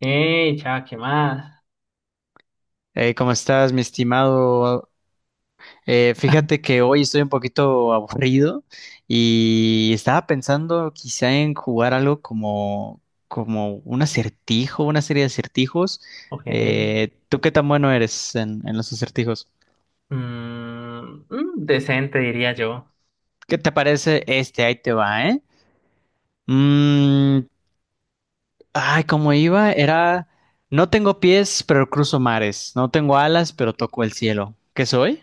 Hey, ya, ¿qué más? ¿Cómo estás, mi estimado? Fíjate que hoy estoy un poquito aburrido y estaba pensando quizá en jugar algo como un acertijo, una serie de acertijos. Ok. ¿Tú qué tan bueno eres en los acertijos? Decente, diría yo. ¿Qué te parece este? Ahí te va, ¿eh? Mm, ay, cómo iba, era, no tengo pies, pero cruzo mares. No tengo alas, pero toco el cielo. ¿Qué soy?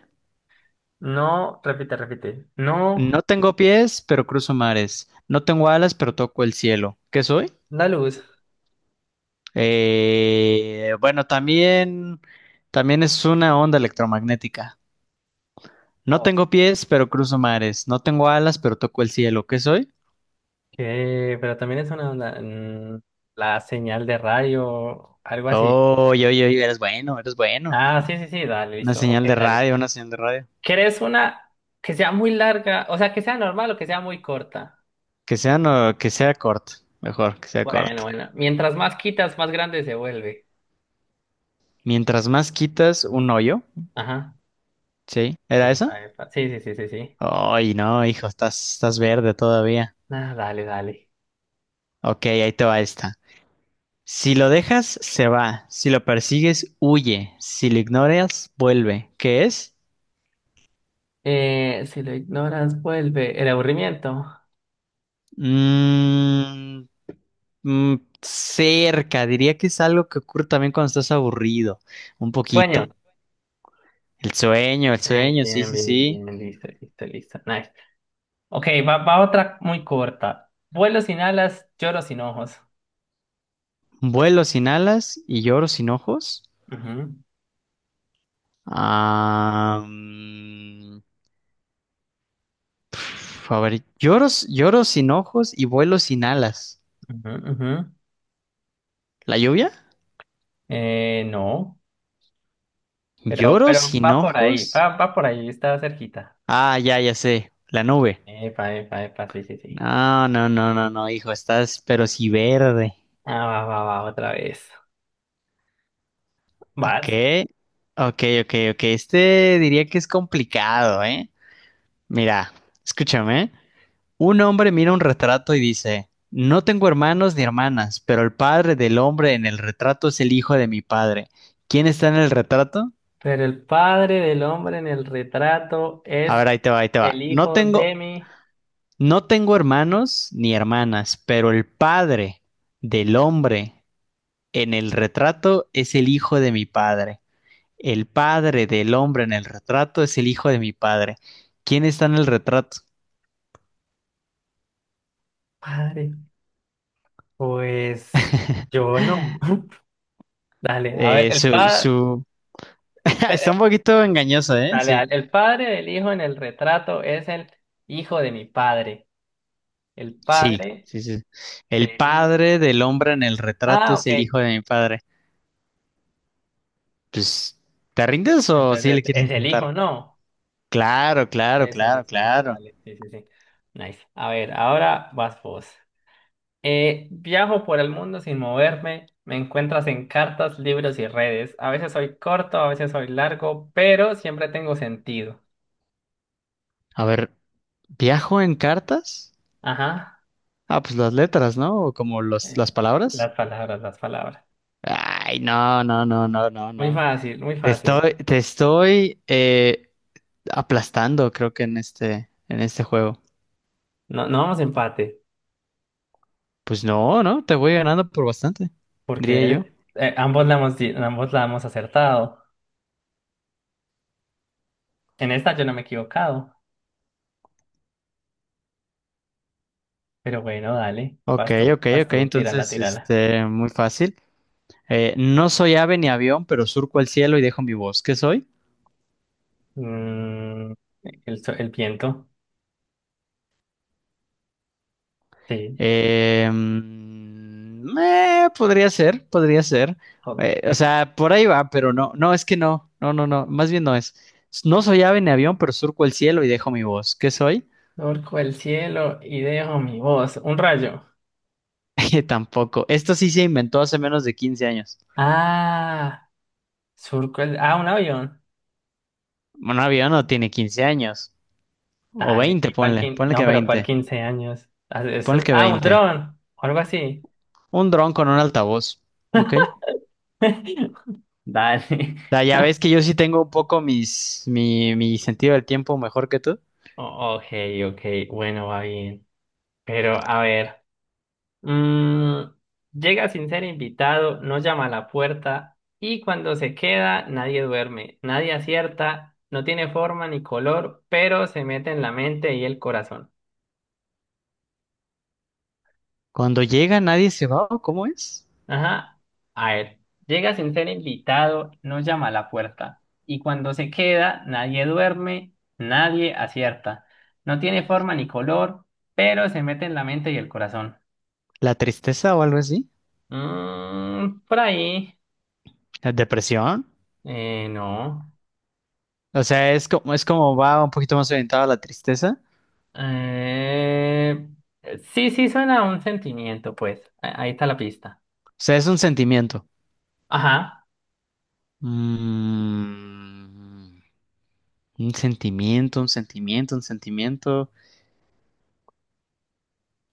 No, repite, repite. No, No tengo pies, pero cruzo mares. No tengo alas, pero toco el cielo. ¿Qué soy? la luz. Bueno, también es una onda electromagnética. No Ok, tengo pies, pero cruzo mares. No tengo alas, pero toco el cielo. ¿Qué soy? pero también es una onda. La señal de radio, algo así. Oye, oye, oye, eres bueno, eres bueno. Ah, sí, sí, sí, dale, Una listo. Ok, señal de dale. radio, una señal de radio. ¿Quieres una que sea muy larga? O sea, que sea normal o que sea muy corta. Que sea, no, que sea corta. Mejor, que sea Bueno, corta. bueno. Mientras más quitas, más grande se vuelve. Mientras más quitas un hoyo, Ajá. ¿sí? ¿Era Epa, esa? epa. Sí, sí, sí, sí, sí. Ay, no, hijo, estás verde todavía. Ah, dale, dale. Ok, ahí te va esta. Si lo dejas, se va. Si lo persigues, huye. Si lo ignoras, vuelve. ¿Qué es? Si lo ignoras, vuelve. El aburrimiento. Mm, mm, cerca. Diría que es algo que ocurre también cuando estás aburrido. Un Sueño. poquito. El sueño, sí, Bien, sí, bien, sí. bien. Listo, listo, listo. Nice. Ok, va, va otra muy corta. Vuelo sin alas, lloro sin ojos. Vuelo sin alas y lloro sin ojos. Ujú, Ah, mm, a ver, lloro sin ojos y vuelo sin alas. ujú, ujú. ¿La lluvia? No, ¿Lloro pero sin va por ahí. ojos? Va, va por ahí, está cerquita. Ah, ya, ya sé. La nube. Epa, epa, epa, sí, sí, sí. No, no, no, no, no, hijo, estás pero sí verde. Ah, va, va, va, otra vez. Ok, Vas. ok, ok, ok. Este diría que es complicado, ¿eh? Mira, escúchame, ¿eh? Un hombre mira un retrato y dice, no tengo hermanos ni hermanas, pero el padre del hombre en el retrato es el hijo de mi padre. ¿Quién está en el retrato? Pero el padre del hombre en el retrato A es ver, ahí te va, ahí te el va. Hijo de mi No tengo hermanos ni hermanas, pero el padre del hombre en el retrato es el hijo de mi padre. El padre del hombre en el retrato es el hijo de mi padre. ¿Quién está en el retrato? padre. Pues yo no. Dale, a ver, el padre, Su... Está dale, un poquito engañoso, ¿eh? dale, Sí. el padre del hijo en el retrato es el hijo de mi padre. El Sí, padre sí, sí. El del hijo. padre del hombre en el retrato Ah, es ok. el hijo de mi padre. Pues, ¿te rindes o sí Entonces, le quieres es el hijo, intentar? ¿no? Claro, claro, Eso, claro, listo, listo, claro. dale. Sí, sí, sí. Nice. A ver, ahora vas vos. Viajo por el mundo sin moverme. Me encuentras en cartas, libros y redes. A veces soy corto, a veces soy largo, pero siempre tengo sentido. A ver, ¿viajo en cartas? Ajá. Ah, pues las letras, ¿no? O como las Eh, palabras. las palabras, las palabras. Ay, no, no, no, no, no, Muy no. fácil, muy fácil. Te estoy aplastando, creo que en en este juego. No, no vamos a empate, Pues no, no, te voy ganando por bastante, diría yo. porque ambos la hemos, ambos la hemos acertado. En esta yo no me he equivocado, pero bueno, dale, Ok, ok, vas ok, tú, tírala, entonces, tírala. este, muy fácil. No soy ave ni avión, pero surco el cielo y dejo mi voz. ¿Qué soy? Mm, el viento, sí. Podría ser, podría ser. O sea, por ahí va, pero no, no, es que no, no, no, no, más bien no es. No soy ave ni avión, pero surco el cielo y dejo mi voz. ¿Qué soy? Surco el cielo y dejo mi voz. Un rayo. Tampoco. Esto sí se inventó hace menos de 15 años. Ah, surco el... Ah, un avión. Bueno, un avión no tiene 15 años. O Dale, 20, ¿y ponle. No, pero ¿cuál 15 años? Ah, eso Ponle es... que Ah, un 20. dron, o algo así. Un dron con un altavoz. ¿Ok? O Dale. sea, ya ves que yo sí tengo un poco mi sentido del tiempo mejor que tú. Ok, ok, bueno, va bien. Pero a ver, mm, llega sin ser invitado, no llama a la puerta y cuando se queda nadie duerme, nadie acierta, no tiene forma ni color, pero se mete en la mente y el corazón. Cuando llega nadie se va, ¿o ¿cómo es? Ajá, a ver, llega sin ser invitado, no llama a la puerta y cuando se queda nadie duerme, nadie acierta, no tiene forma ni color, pero se mete en la mente y el corazón. ¿La tristeza o algo así? Mm, por ahí. ¿La depresión? No. O sea, es como va un poquito más orientado a la tristeza. Eh, sí, sí, suena a un sentimiento, pues. Ahí está la pista. O sea, es un sentimiento. Ajá. Mm, un sentimiento, un sentimiento, un sentimiento.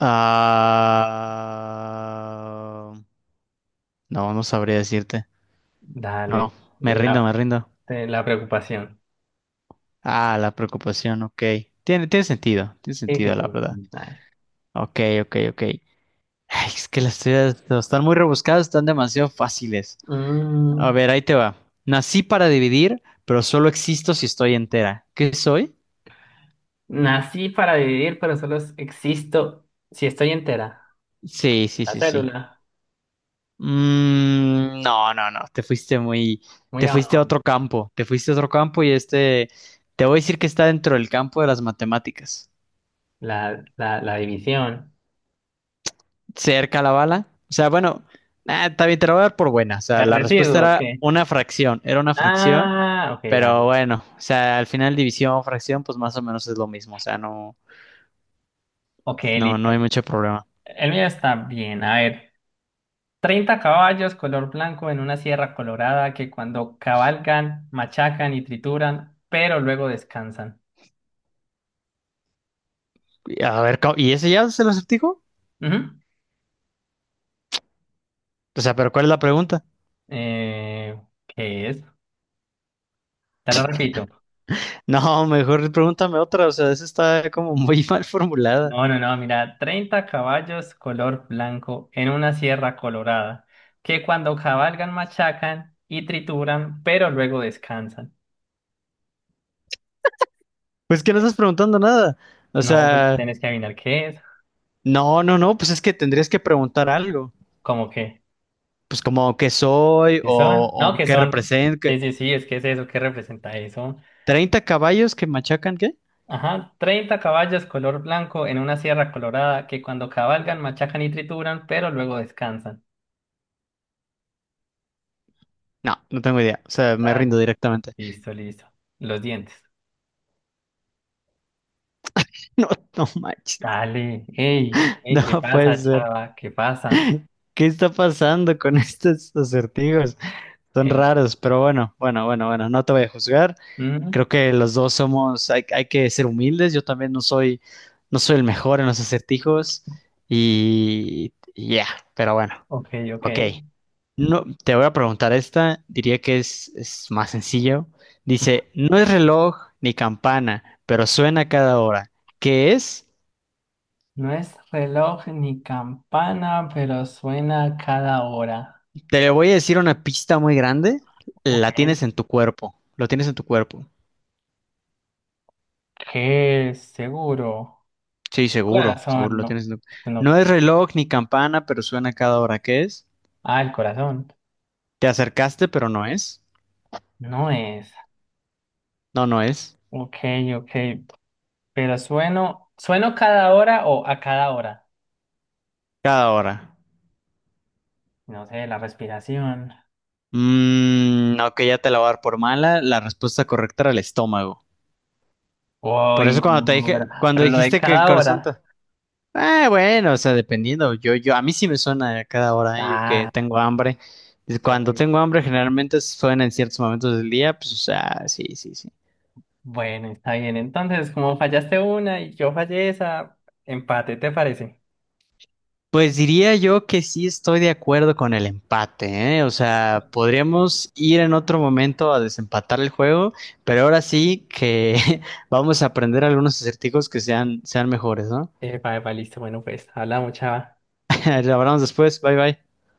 Ah, no, no sabría decirte. No, Dale. me rindo, me rindo. La preocupación. Ah, la preocupación, ok. Tiene, tiene Sí, sí, sentido, sí. la verdad. Nice. Ok, ok, ok. Ay, es que las teorías no, están muy rebuscadas, están demasiado fáciles. A Mm, ver, ahí te va. Nací para dividir, pero solo existo si estoy entera. ¿Qué soy? nací para vivir, pero solo existo si estoy entera. Sí, sí, La sí, sí. célula. No, no, no, Muy te fuiste a abajo. otro campo, te fuiste a otro campo te voy a decir que está dentro del campo de las matemáticas. La división. Cerca la bala. O sea, bueno, ah, está bien, te la voy a dar por buena. O sea, El la respuesta residuo, ok. Era una fracción, Ah, ok, pero dale. bueno, o sea, al final división o fracción, pues más o menos es lo mismo. O sea, no, Ok, no, no listo. hay mucho problema. El mío está bien. A ver. 30 caballos color blanco en una sierra colorada que cuando cabalgan, machacan y trituran, pero luego descansan. A ver, ¿y ese ya se lo acertijo? Ujú. O sea, pero ¿cuál es la pregunta? Eh, ¿Qué es? Te lo repito. No, mejor pregúntame otra, o sea, esa está como muy mal formulada. No, no, no, mira, 30 caballos color blanco en una sierra colorada que cuando cabalgan, machacan y trituran, pero luego descansan. Pues que no estás preguntando nada. O No, pues sea, tienes que adivinar qué es. no, no, no, pues es que tendrías que preguntar algo. ¿Cómo que, Pues como qué soy qué son, no, o qué qué son. represento. Sí, sí, sí, es que es eso, ¿qué representa eso? ¿30 caballos que machacan qué? Ajá, 30 caballos color blanco en una sierra colorada que cuando cabalgan machacan y trituran, pero luego descansan. No, no tengo idea. O sea, me rindo Dale, directamente. listo, listo. Los dientes. No, no manches. Dale, ey, ey, ¿qué No puede pasa, ser. chava? ¿Qué pasa? ¿Qué está pasando con estos acertijos? Son Ey, raros, pero bueno, bueno, bueno, bueno, no te voy a juzgar. mm, Creo que los dos somos, hay que ser humildes. Yo también no soy el mejor en los acertijos y ya, pero bueno, ok, ok. ok. No, te voy a preguntar esta, diría que es más sencillo. Ujú. Dice, no es reloj ni campana, pero suena cada hora. ¿Qué es? No es reloj ni campana, pero suena cada hora. Te voy a decir una pista muy grande. La Ok. tienes en tu cuerpo, lo tienes en tu cuerpo. ¿Qué es? Seguro. Sí, seguro, seguro Corazón, lo no. tienes en tu... No No. es reloj ni campana, pero suena cada hora que es. Ah, el corazón. Te acercaste, pero no es. No es. No, no es. Ok, ok. Pero sueno, sueno cada hora o a cada hora. Cada hora. No sé, la respiración. Ok, ya te la voy a dar por mala. La respuesta correcta era el estómago. Por eso Uy, cuando te no, dije, cuando pero lo de dijiste que el cada corazón te... hora. Ah, bueno, o sea, dependiendo. A mí sí me suena a cada hora, ¿eh? Yo que Ah, tengo hambre. Cuando uy. tengo hambre, generalmente suena en ciertos momentos del día. Pues, o sea, sí, sí, sí. Bueno, está bien. Entonces, como fallaste una y yo fallé esa, empate, ¿te parece? Pues diría yo que sí estoy de acuerdo con el empate, ¿eh? O sea, podríamos ir en otro momento a desempatar el juego, pero ahora sí que vamos a aprender algunos acertijos que sean mejores, ¿no? Epa, epa, listo. Bueno, pues, hablamos, chava. Lo hablamos después, bye bye.